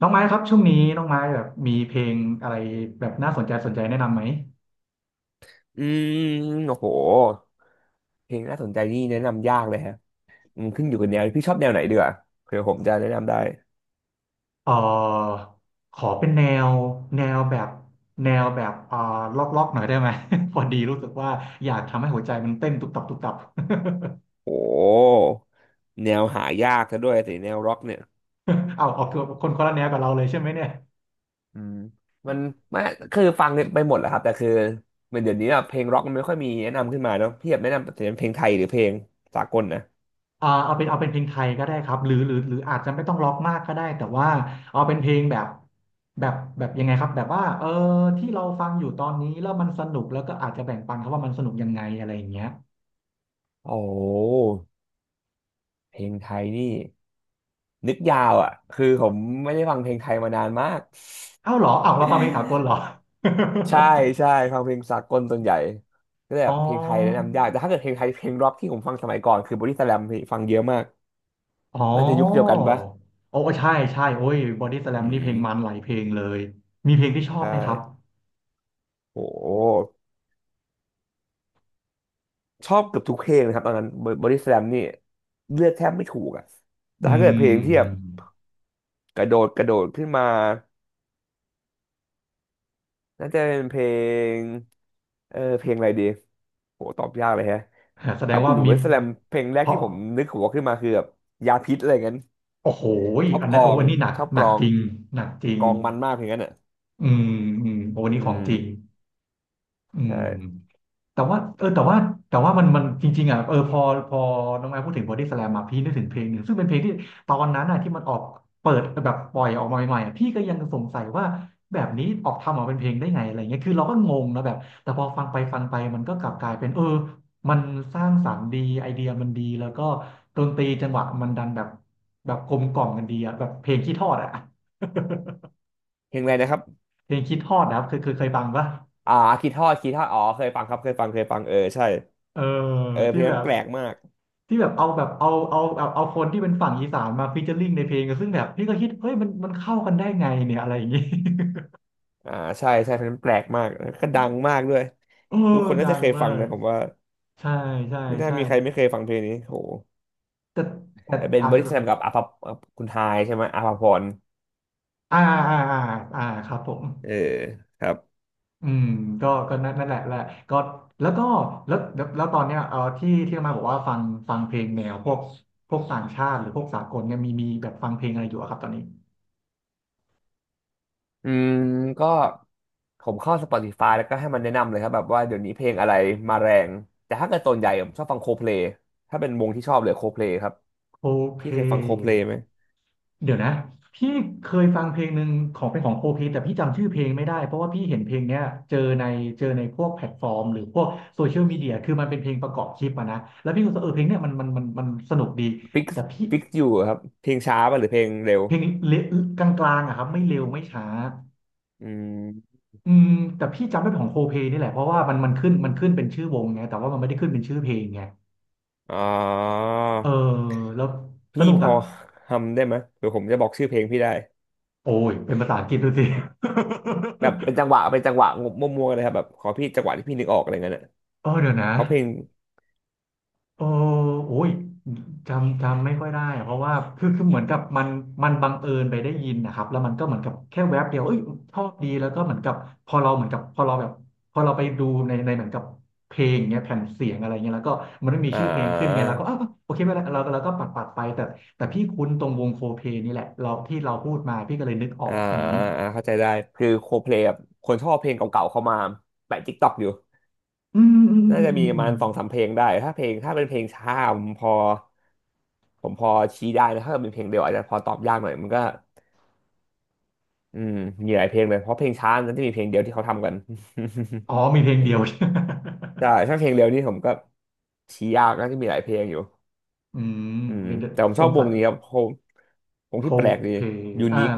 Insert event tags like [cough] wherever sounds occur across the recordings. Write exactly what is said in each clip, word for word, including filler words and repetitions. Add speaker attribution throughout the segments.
Speaker 1: น้องไม้ครับช่วงนี้น้องไม้แบบมีเพลงอะไรแบบน่าสนใจสนใจแนะนำไหม
Speaker 2: อืมโอ้โหเพลงน่าสนใจนี่แนะนำยากเลยฮะอืมขึ้นอยู่กับแนวพี่ชอบแนวไหนดีกว่าเผื่อผมจะแนะนำได้
Speaker 1: เออขอเป็นแนวแนวแบบแนวแบบเออล็อกล็อกหน่อยได้ไหม [laughs] พอดีรู้สึกว่าอยากทำให้หัวใจมันเต้นตุบตับตุบตับ
Speaker 2: โอ้แนวหายากซะด้วยสิแนวร็อกเนี่ย
Speaker 1: [laughs] เอาเอาคือกตัวคนคนละแนวกับเราเลยใช่ไหมเนี่ย
Speaker 2: อืมมันไม่คือฟังไปหมดแหละครับแต่คือเหมือนเดี๋ยวนี้อะเพลงร็อกมันไม่ค่อยมีแนะนำขึ้นมาเนาะพี่อยากแนะนำแต่เป็นเพลงไทยหรือเพลงสากลนะ
Speaker 1: อ่าเอาเป็นเอาเป็นเพลงไทยก็ได้ครับหรือหรือหรืออาจจะไม่ต้องล็อกมากก็ได้แต่ว่าเอาเป็นเพลงแบบแบบแบบยังไงครับแบบว่าเออที่เราฟังอยู่ตอนนี้แล้วมันสนุกแล้วก็อาจจะแบ่งปันเขาว่ามันสนุกยังไงอะไรอย่างเงี้ย
Speaker 2: โอ้เพลงไทยนี่นึกยาวอ่ะคือผมไม่ได้ฟังเพลงไทยมานานมาก
Speaker 1: เอ้าเหรอเอ้าเราฟังเพลงสากลเหรอ [laughs]
Speaker 2: ใช่ใช่ฟังเพลงสากลส่วนใหญ่ก็แบ
Speaker 1: อ๋
Speaker 2: บเพลงไทยแนะ
Speaker 1: อ
Speaker 2: นำยากแต่ถ้าเกิดเพลงไทยเพลงร็อกที่ผมฟังสมัยก่อนคือบอดี้สแลมฟังเยอะมาก
Speaker 1: อ๋อ
Speaker 2: น่าจะยุคเดียวกันปะ
Speaker 1: โอ้ใช่ใช่โอ้ยบอดี้สแล
Speaker 2: อื
Speaker 1: มนี่เพลงมัน
Speaker 2: ม
Speaker 1: หลายเพลงเลยมีเพลงที่ชอบ
Speaker 2: ใช่
Speaker 1: ไหมครับ
Speaker 2: โอ้โหชอบเกือบทุกเพลงนะครับตอนนั้นบอดี้สแลมนี่เลือกแทบไม่ถูกอ่ะแต่
Speaker 1: อื
Speaker 2: ถ้าเกิดเพลงที่แบบ
Speaker 1: ม
Speaker 2: กระโดดกระโดดขึ้นมาน่าจะเป็นเพลงเออเพลงอะไรดีโหตอบยากเลยฮะ
Speaker 1: แสด
Speaker 2: ถ้า
Speaker 1: ง
Speaker 2: พูด
Speaker 1: ว่า
Speaker 2: ถึงบ
Speaker 1: มี
Speaker 2: อดี้สแลมเพลงแร
Speaker 1: เพ
Speaker 2: กที่
Speaker 1: ราะ
Speaker 2: ผมนึกหัวขึ้นมาคือแบบยาพิษอะไรเงี้ย
Speaker 1: โอ้โห
Speaker 2: ชอบ
Speaker 1: อัน
Speaker 2: ก
Speaker 1: นั้
Speaker 2: ล
Speaker 1: น
Speaker 2: อ
Speaker 1: โอ้
Speaker 2: ง
Speaker 1: อันนี้หนัก
Speaker 2: ชอบ
Speaker 1: ห
Speaker 2: ก
Speaker 1: นั
Speaker 2: ล
Speaker 1: ก
Speaker 2: อง
Speaker 1: จริงหนักจริง
Speaker 2: กลองมันมากเพางนั้นอ่ะ
Speaker 1: อืมอืมโอ้วัน
Speaker 2: อื
Speaker 1: นี้ของจริง
Speaker 2: ม
Speaker 1: อืม
Speaker 2: ใช่
Speaker 1: แต่ว่าเออแต่ว่าแต่ว่ามันมันจริงๆอ่ะเออพอพอน้องแอมพูดถึงบอดี้สแลมมาพี่นึกถึงเพลงหนึ่งซึ่งเป็นเพลงที่ตอนนั้นอ่ะที่มันออกเปิดแบบปล่อยออกมาใหม่ๆอะพี่ก็ยังสงสัยว่าแบบนี้ออกทำออกมาเป็นเพลงได้ไงอะไรเงี้ยคือเราก็งงนะแบบแต่พอฟังไปฟังไปมันก็กลับกลายเป็นเออมันสร้างสรรค์ดีไอเดียมันดีแล้วก็ดนตรีจังหวะมันดันแบบแบบกลมกล่อมกันดีอ่ะแบบเพลงขี้ทอดอ่ะ
Speaker 2: เพลงอะไรนะครับ
Speaker 1: เพลงขี้ทอดนะครับเคยเคยเคยฟังปะ
Speaker 2: อ่าคีทอดคีทอดอ๋อเคยฟังครับเคยฟังเคยฟังเออใช่
Speaker 1: เออ
Speaker 2: เออเพ
Speaker 1: ที่
Speaker 2: ลง
Speaker 1: แบ
Speaker 2: นั้น
Speaker 1: บ
Speaker 2: แปลกมาก
Speaker 1: ที่แบบเอาแบบเอาเอาแบบเอาคนที่เป็นฝั่งอีสานมาฟีเจอริ่งในเพลงซึ่งแบบพี่ก็คิดเฮ้ยมันมันเข้ากันได้ไงเนี่ยอะไรอย่างงี้ [laughs]
Speaker 2: อ่าใช่ใช่เพลงนั้นแปลกมากแล้วก็ดังมากด้วย
Speaker 1: เออ
Speaker 2: ทุกคนน่า
Speaker 1: ดั
Speaker 2: จะ
Speaker 1: ง
Speaker 2: เคย
Speaker 1: มา
Speaker 2: ฟัง
Speaker 1: ก
Speaker 2: นะผมว่า
Speaker 1: ใช่ใช่
Speaker 2: ไม่น่า
Speaker 1: ใช่
Speaker 2: มีใครไม่เคยฟังเพลงนี้โห
Speaker 1: แต่แต่
Speaker 2: แต่เป็น
Speaker 1: อาจ
Speaker 2: เวอ
Speaker 1: จะ
Speaker 2: ร์
Speaker 1: แบบ
Speaker 2: ชันกับอาภากับคุณทายใช่ไหมอาภาพร
Speaker 1: อ่าอ่าอ่าอ่าครับผม
Speaker 2: เออครับ
Speaker 1: อืมก็ก็นั่นนั่นแหละแหละก็แล้วก็แล้วแล้วแล้วตอนเนี้ยเออที่ที่มาบอกว่าฟังฟังเพลงแนวพวกพวกต่างชาติหรือพวกสากลเนี่ยมีมีแบบฟังเพลงอะไรอยู่อะครับตอนนี้
Speaker 2: อืมก็ผมเข้า Spotify แล้วก็ให้มันแนะนำเลยครับแบบว่าเดี๋ยวนี้เพลงอะไรมาแรงแต่ถ้าเกิดส่วนใหญ่ผมชอบฟังโคเพลย์ถ้าเป็นวงที่ชอบเลยโคเพลย์ครับ
Speaker 1: โคเพ
Speaker 2: พี่เคยฟังโคเพลย์ไหม
Speaker 1: เดี๋ยวนะพี่เคยฟังเพลงหนึ่งของเป็นของโคเพแต่พี่จำชื่อเพลงไม่ได้เพราะว่าพี่เห็นเพลงเนี้ยเจอในเจอในพวกแพลตฟอร์มหรือพวกโซเชียลมีเดียคือมันเป็นเพลงประกอบคลิปอะนะแล้วพี่ก็รู้สึกเออเพลงเนี้ยมันมันมันมันสนุกดี
Speaker 2: ฟิก
Speaker 1: แต่พี่
Speaker 2: ฟิกอยู่ครับเพลงช้าป่ะหรือเพลงเร็ว
Speaker 1: เพลงเลกลางๆอะครับไม่เร็วไม่ช้า
Speaker 2: อืม
Speaker 1: อืมแต่พี่จำได้เป็นของโคเพนี่แหละเพราะว่ามันมันขึ้นมันขึ้นเป็นชื่อวงไงแต่ว่ามันไม่ได้ขึ้นเป็นชื่อเพลงไง
Speaker 2: อ๋อ
Speaker 1: เออแล้วส
Speaker 2: พี่
Speaker 1: นุก
Speaker 2: พอ
Speaker 1: อะ
Speaker 2: ทำได้ไหมเดี๋ยวผมจะบอกชื่อเพลงพี่ได้
Speaker 1: โอ้ยเป็นภาษาอังกฤษดูสิ
Speaker 2: แบบเป็นจังห
Speaker 1: [laughs]
Speaker 2: วะเป็นจังหวะมั่วๆเลยครับแบบขอพี่จังหวะที่พี่นึกออกอะไรเงี้ยนะ
Speaker 1: เออเดี๋ยวนะ
Speaker 2: เพราะเพลง
Speaker 1: เออโอ้ยจำจำไม่ค่อยได้อะเพราะว่าคือคือเหมือนกับมันมันบังเอิญไปได้ยินนะครับแล้วมันก็เหมือนกับแค่แวบเดียวเอ้ยชอบดีแล้วก็เหมือนกับพอเราเหมือนกับพอเราแบบพอเราไปดูในในเหมือนกับเพลงเงี้ยแผ่นเสียงอะไรเงี้ยแล้วก็มันไม่มี
Speaker 2: อ่
Speaker 1: ชื่อเพลงขึ้นไงแล้วก็อ้าว
Speaker 2: า
Speaker 1: โอเคไม่เป็นไรเราเราก็ปัดปัดไปแต่แต่พี่คุ้นตรงวงโคเพลนี่แหละเราที่เราพูดมาพี่ก็เลยนึกออ
Speaker 2: อ่า
Speaker 1: กอย่างนี้
Speaker 2: อ่าเข้าใจได้คือโคเพลย์คนชอบเพลงเก่าๆเข้ามาแปะติ๊กต็อกอยู่
Speaker 1: อืมอืม
Speaker 2: น่า
Speaker 1: อื
Speaker 2: จะมี
Speaker 1: ม
Speaker 2: ป
Speaker 1: อ
Speaker 2: ระมา
Speaker 1: ม
Speaker 2: ณสองสามเพลงได้ถ้าเพลงถ้าเป็นเพลงช้าผมพอผมพอชี้ได้นะถ้าเป็นเพลงเดียวอาจจะพอตอบยากหน่อยมันก็อืมมีหลายเพลงเลยเพราะเพลงช้านั้นจะมีเพลงเดียวที่เขาทำกัน
Speaker 1: อ๋อมีเพลงเดียว [laughs]
Speaker 2: [laughs] ใช่ถ้าเพลงเร็วนี่ผมก็ชี้ยากนะที่มีหลายเพลงอยู่
Speaker 1: อืม
Speaker 2: อืม
Speaker 1: เดี๋ยวเดี๋ยว
Speaker 2: แต่ผม
Speaker 1: ส
Speaker 2: ชอ
Speaker 1: ง
Speaker 2: บว
Speaker 1: สั
Speaker 2: ง
Speaker 1: ย
Speaker 2: นี้ครับผมวง
Speaker 1: โค
Speaker 2: ที่แปลกดี
Speaker 1: เพ
Speaker 2: ยู
Speaker 1: อ่า
Speaker 2: นิค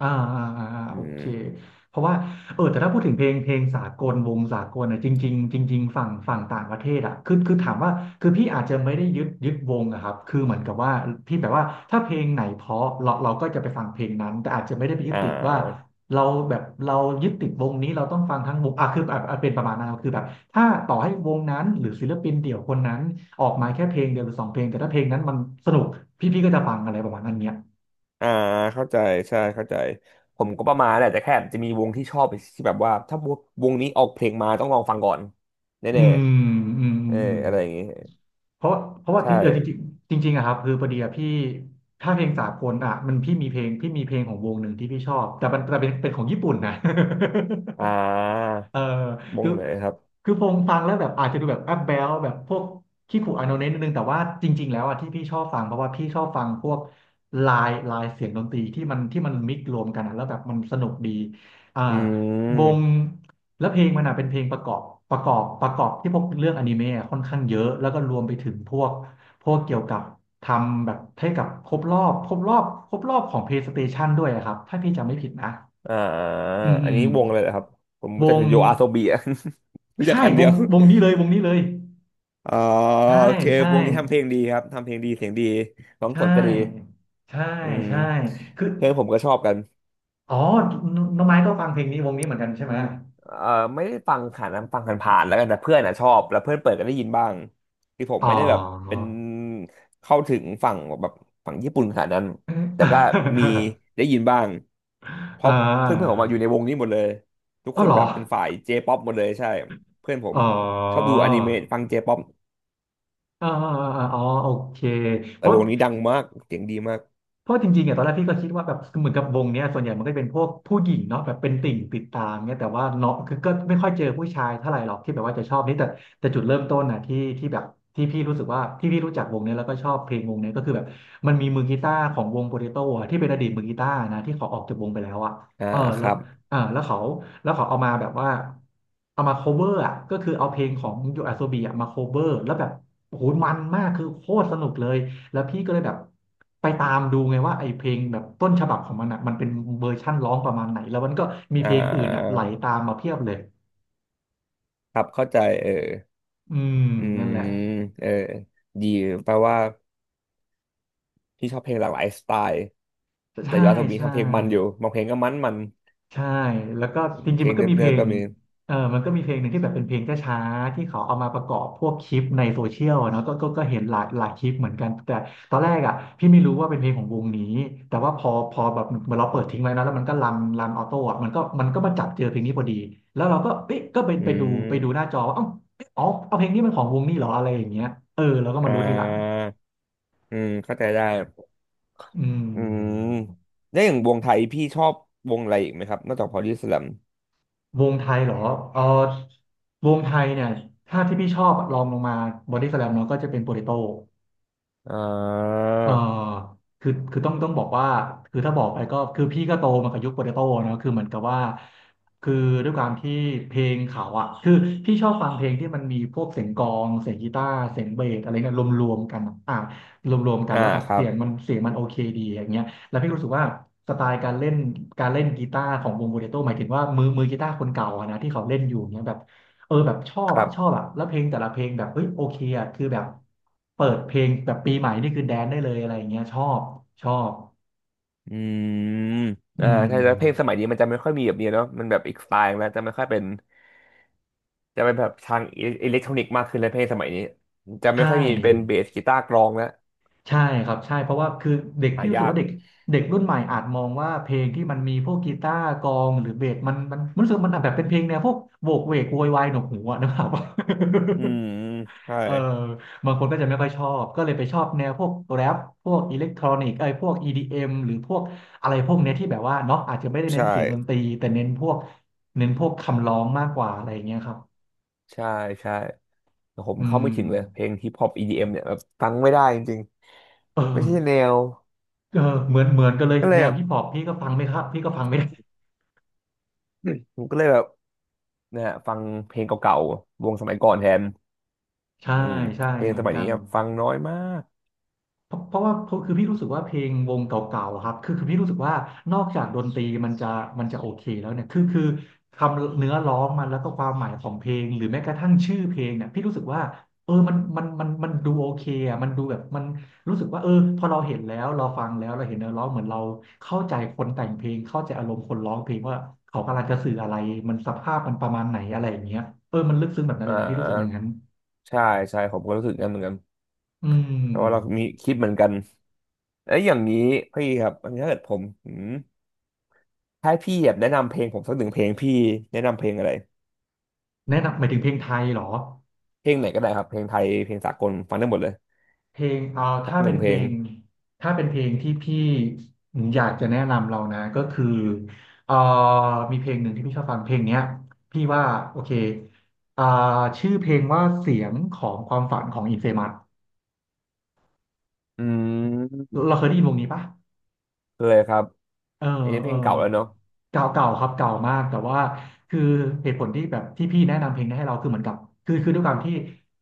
Speaker 1: อ่าอ่าอ่าอ่า
Speaker 2: อื
Speaker 1: โอเค
Speaker 2: ม
Speaker 1: เพราะว่าเออแต่ถ้าพูดถึงเพลงเพลงสากลวงสากลอ่ะจริงๆจริงๆฝั่งฝั่งต่างประเทศอ่ะคือคือถามว่าคือพี่อาจจะไม่ได้ยึดยึดวงอะครับคือเหมือนกับว่าพี่แบบว่าถ้าเพลงไหนเพราะเราเราก็จะไปฟังเพลงนั้นแต่อาจจะไม่ได้ไปยึ
Speaker 2: อ่
Speaker 1: ดติดว่า
Speaker 2: า
Speaker 1: เราแบบเรายึดติดวงนี้เราต้องฟังทั้งวงอ่ะคืออบเป็นประมาณนั้นครับคือแบบถ้าต่อให้วงนั้นหรือศิลปินเดี่ยวคนนั้นออกมาแค่เพลงเดียวหรือสองเพลงแต่ถ้าเพลงนั้นมันสนุกพี่พี่ก็จะฟังอะไรประมาณนั้นเนี้ย
Speaker 2: อ่าเข้าใจใช่เข้าใจผมก็ประมาณแหละแต่แค่จะมีวงที่ชอบที่แบบว่าถ้าวงนี้ออกเพลงมาต้องลองฟังก่อน
Speaker 1: อื
Speaker 2: แน่
Speaker 1: มอืม
Speaker 2: ๆ
Speaker 1: อื
Speaker 2: เออ
Speaker 1: มอืม
Speaker 2: อะไรอย่างงี้
Speaker 1: เพราะเพราะว่า
Speaker 2: ใช
Speaker 1: จริงเออจริง
Speaker 2: ่
Speaker 1: จริงจริงๆอะครับคือพอดีอะพี่ถ้าเพลงสากลอะมันพี่มีเพลงพี่มีเพลงของวงหนึ่งที่พี่ชอบแต่มันแต่เป็นเป็นของญี่ปุ่นนะ
Speaker 2: อ่
Speaker 1: [laughs]
Speaker 2: า
Speaker 1: เออ
Speaker 2: ว
Speaker 1: คื
Speaker 2: ง
Speaker 1: อ
Speaker 2: ไหนครับ
Speaker 1: คือพงฟังแล้วแบบอาจจะดูแบบแอบแบลแบบพวกขี้ขู่อาโนเนนิดนึงแต่ว่าจริงๆแล้วอ่ะที่พี่ชอบฟังเพราะว่าพี่ชอบฟังพวกลายลายเสียงดนตรีที่มันที่มันมิกซ์รวมกันอะแล้วแบบมันสนุกดีอ่า
Speaker 2: อื
Speaker 1: วง
Speaker 2: ม
Speaker 1: แล้วเพลงมันอ่ะเป็นเพลงประกอบประกอบประกอบที่พวกเรื่องอนิเมะอะค่อนข้างเยอะแล้วก็รวมไปถึงพวกพวกเกี่ยวกับทำแบบให้กับครบรอบครบรอบครบรอบของ เพลย์สเตชั่น ด้วยอะครับถ้าพี่จำไม่ผิดนะ
Speaker 2: อ่า
Speaker 1: อืมอื
Speaker 2: อันนี้
Speaker 1: ม
Speaker 2: วงอะไรเหรอครับผม
Speaker 1: ว
Speaker 2: รู้จัก
Speaker 1: ง
Speaker 2: แต่โยอาโซบีอะ [laughs] รู้จัก
Speaker 1: ใช่
Speaker 2: อัน
Speaker 1: ว
Speaker 2: เดีย
Speaker 1: ง
Speaker 2: ว
Speaker 1: วงนี้เลยวงนี้เลย
Speaker 2: อ๋อ
Speaker 1: ใช่
Speaker 2: โอเค
Speaker 1: ใช่
Speaker 2: วงนี้ทำเพลงดีครับทำเพลงดีเสียงดีร้อง
Speaker 1: ใช่
Speaker 2: สดก็ดี
Speaker 1: ใช่
Speaker 2: อืม
Speaker 1: ใช่คือ
Speaker 2: เพื่อนผมก็ชอบกัน
Speaker 1: อ๋อน้องน้องไม้ก็ฟังเพลงนี้วงนี้เหมือนกันใช่ไหม
Speaker 2: เออไม่ได้ฟังค่ะนะฟังผ่านๆแล้วกันแต่เพื่อนอ่ะชอบแล้วเพื่อนเปิดก็ได้ยินบ้างที่ผม
Speaker 1: อ๋อ
Speaker 2: ไม่ได้แบบเป็นเข้าถึงฝั่งแบบฝั่งญี่ปุ่นขนาดนั้นแต่ก็มี
Speaker 1: [laughs]
Speaker 2: ได้ยินบ้างเพ
Speaker 1: อ่
Speaker 2: ราะเพื่อนเพื่อนผม
Speaker 1: า
Speaker 2: มาออยู่ในวงนี้หมดเลยทุก
Speaker 1: อ๋อ
Speaker 2: คน
Speaker 1: เหรอ
Speaker 2: แบบเป็นฝ่ายเจป๊อปหมดเลยใช่เพื่อนผม
Speaker 1: อ๋อ
Speaker 2: ชอบดูอนิเมะฟังเจป๊อป
Speaker 1: อ๋ออ๋ออ๋อโอเคเพ
Speaker 2: แต่
Speaker 1: ราะ
Speaker 2: วงนี้ดังมากเสียงดีมาก
Speaker 1: เพราะจริงๆอ่ะตอนแรกพี่ก็คิดว่าแบบเหมือนกับวงเนี้ยส่วนใหญ่มันก็จะเป็นพวกผู้หญิงเนาะแบบเป็นติ่งติดตามเนี้ยแต่ว่าเนาะคือก็ไม่ค่อยเจอผู้ชายเท่าไหร่หรอกที่แบบว่าจะชอบนี่แต่แต่จุดเริ่มต้นนะที่ที่แบบที่พี่รู้สึกว่าที่พี่รู้จักวงเนี้ยแล้วก็ชอบเพลงวงเนี้ยก็คือแบบมันมีมือกีตาร์ของวงโปเตโต้อะที่เป็นอดีตมือกีตาร์นะที่เขาออกจากวงไปแล้วอะ
Speaker 2: อ่า
Speaker 1: เออ
Speaker 2: ค
Speaker 1: แล้ว
Speaker 2: รับ
Speaker 1: อ่าแล้วเขาแล้วเขาเอามาแบบว่าเอามา cover อะก็คือเอาเพลงของยูอาโซบีอะมา cover แล้วแบบโอ้โหมันมากคือโคตรสนุกเลย แล้วพี่ก็เลยแบบไปตามดูไงว่าไอ้เพลงแบบต้นฉบับของมันอ่ะมันเป็นเวอร์ชั่นร้องประมาณไหนแล้วมันก็มี
Speaker 2: อ่
Speaker 1: เพลงอื่นอ่ะไห
Speaker 2: า
Speaker 1: ลตามมาเพียบเลย
Speaker 2: ครับเข้าใจเออ
Speaker 1: อืม
Speaker 2: อื
Speaker 1: นั่น
Speaker 2: ม
Speaker 1: แหละ
Speaker 2: เออดีแปลว่าพี่ชอบเพลงหลากหลายสไตล์ แต่
Speaker 1: ใช่
Speaker 2: ยอสมี
Speaker 1: ใช่
Speaker 2: ทำเพลงมันอยู่บางเพลงก็มันมัน
Speaker 1: ใช่แล้วก็จ
Speaker 2: เพ
Speaker 1: ริง
Speaker 2: ล
Speaker 1: ๆมั
Speaker 2: ง
Speaker 1: นก็
Speaker 2: เนิบ
Speaker 1: มีเพ
Speaker 2: เนิ
Speaker 1: ล
Speaker 2: บก็
Speaker 1: ง
Speaker 2: มี
Speaker 1: เออมันก็มีเพลงหนึ่งที่แบบเป็นเพลงช้าๆที่เขาเอามาประกอบพวกคลิปในโซเชียลอะเนาะก็ก็ก็เห็นหลายหลายคลิปเหมือนกันแต่ตอนแรกอ่ะพี่ไม่รู้ว่าเป็นเพลงของวงนี้แต่ว่าพอพอแบบเหมือนเราเปิดทิ้งไว้นะแล้วมันก็รันรันออโต้อะมันก็มันก็มาจับเจอเพลงนี้พอดีแล้วเราก็เอ๊ะก็ไป
Speaker 2: อื
Speaker 1: ไปดูไปดู
Speaker 2: ม
Speaker 1: หน้าจอว่าเอ้าเอ๊ะอ๋อเอาเพลงนี้มันของวงนี้เหรออะไรอย่างเงี้ยเออเราก็
Speaker 2: อ่
Speaker 1: มารู้ทีหลัง
Speaker 2: าอืมเข้าใจได้
Speaker 1: อื
Speaker 2: อืม
Speaker 1: ม
Speaker 2: แล้วอย่างวงไทยพี่ชอบวงอะไรอีกไหมครับนอกจากพอดีสแลม
Speaker 1: วงไทยเหรอเออวงไทยเนี่ย ถ้าที่พี่ชอบลองลงมาบอดี้สแลมเนาะก็จะเป็นโปเตโต้
Speaker 2: อ่า
Speaker 1: เอ่อคือ คือต้องต้องบอกว่าคือถ้าบอกไปก็ คือพี่ก็โตมากับยุคโปเตโต้เนอะคือเหมือนกับว่า คือด้วยความที่เพลงเขาอ่ะคือพี่ชอบฟังเพลงที่มันมีพวกเสียงกลองเสียงกีตาร์เสียงเบสอะไรเนี่ยรวมๆกันอะอ่ะรวมๆกัน
Speaker 2: อ่า
Speaker 1: แล้วแบบ
Speaker 2: ครั
Speaker 1: เสี
Speaker 2: บ
Speaker 1: ยงมันเสียงมันโอเคดีอย่างเงี้ยแล้วพี่รู้สึกว่าสไตล์การเล่นการเล่นกีตาร์ของวงโปเตโต้หมายถึงว่ามือมือกีตาร์คนเก่าอะนะที่เขาเล่นอยู่เนี่ยแบบ เออแบบชอบ
Speaker 2: ครั
Speaker 1: อ่ะ
Speaker 2: บ
Speaker 1: ชอบอ่ะแล้วเพลงแต่ละเพลงแบบเฮ้ยโอเคอ่ะคือแบบเปิดเพลงแบบปีใหม่นี่คือแดนได้เลยอะไรอย่างเงี้ยชอบชอบ
Speaker 2: อืม
Speaker 1: อื
Speaker 2: อ่า
Speaker 1: ม
Speaker 2: ใช่แล้วเพลงสมัยนี้มันจะไม่ค่อยมีแบบนี้เนาะมันแบบอีกสไตล์แล้วจะไม่ค่อยเป็นจะเป็นแบบทางอิเล็กทรอนิกส์มากขึ้นเลยเพลงสมัยนี้จะไม่
Speaker 1: ใช่
Speaker 2: ค่อยมีเป็นเบสกีตาร์กลองแล้ว
Speaker 1: ใช่ครับใช่เพราะว่าคือเด็ก
Speaker 2: หา
Speaker 1: พี่รู้สึก
Speaker 2: ยาก
Speaker 1: ว่าเด็กเด็กรุ่นใหม่อาจมองว่าเพลงที่มันมีพวกกีตาร์กลองหรือเบสมันมันมันรู้สึกมันแบบเป็นเพลงแนวพวกโหวกเวกโวยวายหนวกหูอะนะครับ
Speaker 2: อืมใช่
Speaker 1: [laughs] เออบางคนก็จะไม่ค่อยชอบก็เลยไปชอบแนวพวกแรปพวกอิเล็กทรอนิกส์ไอ้ยพวกอดีเอ็มหรือพวกอะไรพวกเนี้ยที่แบบว่าเนาะอาจจะไม่ได้เน้
Speaker 2: ใช่
Speaker 1: นเสียงดนตรีแต่เน้นพวกเน้นพวกคำร้องมากกว่าอะไรอย่างเงี้ยครับ
Speaker 2: ใช่ใช่แต่ผม
Speaker 1: อื
Speaker 2: เข้าไม่ถึงเลยเพ
Speaker 1: ม
Speaker 2: ลงฮิปฮอป อี ดี เอ็ม เอ็มเนี่ยแบบฟังไม่ได้จริง
Speaker 1: เอ
Speaker 2: ๆไม่ใช่แน
Speaker 1: อ
Speaker 2: ว
Speaker 1: เออเหมือนเหมือนกันเลย
Speaker 2: ก็เล
Speaker 1: แน
Speaker 2: ยแบ
Speaker 1: ว
Speaker 2: บ
Speaker 1: ฮิปฮอปพี่ก็ฟังไม่ครับพี่ก็ฟังไม่
Speaker 2: [clears throat] ผมก็เลยแบบนะฮะฟังเพลงเก่าๆวงสมัยก่อนแทน
Speaker 1: ใช่
Speaker 2: อืม
Speaker 1: ใช่
Speaker 2: เพล
Speaker 1: เห
Speaker 2: ง
Speaker 1: มื
Speaker 2: ส
Speaker 1: อน
Speaker 2: มัย
Speaker 1: กั
Speaker 2: นี้
Speaker 1: น
Speaker 2: ครับฟังน้อยมาก
Speaker 1: เพราะเพราะว่าเพราะคือพี่รู้สึกว่าเพลงวงเก่าๆอะครับคือคือพี่รู้สึกว่านอกจากดนตรีมันจะมันจะโอเคแล้วเนี่ยคือคือคำเนื้อร้องมันแล้วก็ความหมายของเพลงหรือแม้กระทั่งชื่อเพลงเนี่ยพี่รู้สึกว่าเออมันมันมันมันดูโอเคอ่ะมันดูแบบมันรู้สึกว่าเออพอเราเห็นแล้วเราฟังแล้วเราเห็นเนื้อร้องเหมือนเราเข้าใจคนแต่งเพลงเข้าใจอารมณ์คนร้องเพลงว่าเขากำลังจะสื่ออะไรมันสภาพมันประมาณไหนอะไรอย่างเงี้ยเออมันลึกซึ้งแบบนั้น
Speaker 2: อ่
Speaker 1: เลยนะพี่รู้สึกอย่าง
Speaker 2: า
Speaker 1: นั้น
Speaker 2: ใช่ใช่ผมก็รู้สึกงั้นเหมือนกัน
Speaker 1: อื
Speaker 2: เพราะว่าเรามี
Speaker 1: ม
Speaker 2: คิดเหมือนกันแล้วอย่างนี้พี่ครับอันนี้ถ้าเกิดผมอืมถ้าให้พี่แบบแนะนำเพลงผมสักหนึ่งเพลงพี่แนะนำเพลงอะไร
Speaker 1: แนะนำหมายถึงเพลงไทยเหรอ
Speaker 2: เพลงไหนก็ได้ครับเพลงไทยเพลงสากลฟังได้หมดเลย
Speaker 1: เพลงเอ่อ
Speaker 2: สัก
Speaker 1: ถ้า
Speaker 2: หนึ่
Speaker 1: เป็
Speaker 2: ง
Speaker 1: น
Speaker 2: เพ
Speaker 1: เพ
Speaker 2: ล
Speaker 1: ล
Speaker 2: ง
Speaker 1: งถ้าเป็นเพลงที่พี่อยากจะแนะนำเรานะก็คือเอ่อมีเพลงหนึ่งที่พี่ชอบฟังเพลงเนี้ยพี่ว่าโอเคอ่าชื่อเพลงว่าเสียงของความฝันของอินเฟมัส
Speaker 2: อืม
Speaker 1: เราเคยได้ยินวงนี้ปะ
Speaker 2: เลยครับ
Speaker 1: เออ
Speaker 2: เอนนี้เพ
Speaker 1: เอ
Speaker 2: ล
Speaker 1: อ
Speaker 2: งเก่าแล้วเนอะ
Speaker 1: เก่าเก่าครับเก่ามากแต่ว่าคือเหตุผลที่แบบที่พี่แนะนำเพลงนี้ให้เราคือเหมือนกับคือคือด้วยความที่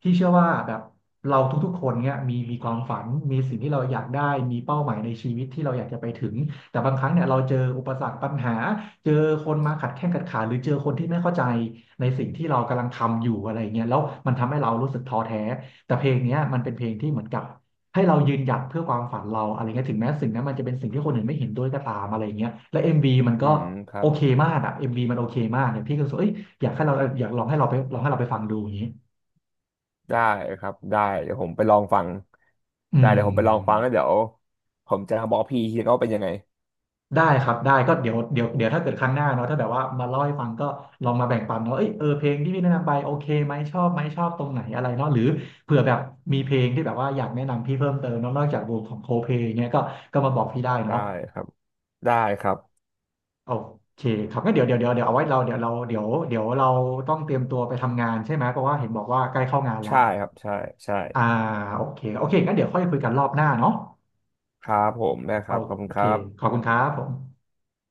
Speaker 1: พี่เชื่อว่าแบบเราทุกๆคนเนี้ยมีมีความฝันมีสิ่งที่เราอยากได้มีเป้าหมายในชีวิตที่เราอยากจะไปถึงแต่บางครั้งเนี่ยเราเจออุปสรรคปัญหาเจอคนมาขัดแข้งขัดขาหรือเจอคนที่ไม่เข้าใจในสิ่งที่เรากำลังทำอยู่อะไรเงี้ยแล้วมันทำให้เรารู้สึกท้อแท้แต่เพลงเนี้ยมันเป็นเพลงที่เหมือนกับ ให้เรายืนหยัดเพื่อความฝันเราอะไรเงี้ยถึงแม้สิ่งนั้นมันจะเป็นสิ่งที่คนอื่นไม่เห็นด้วยก็ตามอะไรเงี้ยและเอ็มวีมัน
Speaker 2: อื
Speaker 1: ก็
Speaker 2: มครั
Speaker 1: โอ
Speaker 2: บ
Speaker 1: เคมากอะเอ็มวีมันโอเคมากเนี่ยพี่ก็รู้สึกว่าเอ้ยอยากให้เราอยากลองให้เราไปลองให้เราไปฟังดูอย่างนี้
Speaker 2: ได้ครับ ได้ เดี๋ยวผมไปลองฟัง
Speaker 1: อื
Speaker 2: ได้เดี๋ยวผมไปลองฟัง
Speaker 1: ม
Speaker 2: แล้วเดี๋ยวผมจะบอกพี่ทีก็เป็นยังไง
Speaker 1: ได้ครับได้ก็เดี๋ยวเดี๋ยวเดี๋ยวถ้าเกิดครั้งหน้าเนาะถ้าแบบว่ามาเล่าให้ฟังก็ลองมาแบ่งปันเนาะเอ้ยเออเพลงที่พี่แนะนำไปโอเคไหมชอบไหมชอบตรงไหนอะไรเนาะหรือเผื่อแบบมีเพลงที่แบบว่าอยากแนะนำพี่เพิ่มเติมเนาะนอกจากวงของโคเพลงเงี้ยก็ก็มาบอกพี่ได้
Speaker 2: ได้
Speaker 1: เนาะ
Speaker 2: ครับได้ครับ
Speaker 1: โอเคครับงั้นเดี๋ยวเดี๋ยวเดี๋ยวเดี๋ยวเอาไว้เราเดี๋ยวเราเดี๋ยวเดี๋ยวเราต้องเตรียมตัวไปทำงานใช่ไหมเพราะว่าเห็นบอกว่าใกล้เข้างานละ
Speaker 2: ใช่ครับใช่ใช่
Speaker 1: อ่าโอเคโอเคงั้นเดี๋ยวค่อยคุยกันรอบหน้าเนาะ
Speaker 2: ครับผมได้ค
Speaker 1: โอ
Speaker 2: รับขอบคุณค
Speaker 1: เค
Speaker 2: รับ
Speaker 1: ขอบคุณครับผม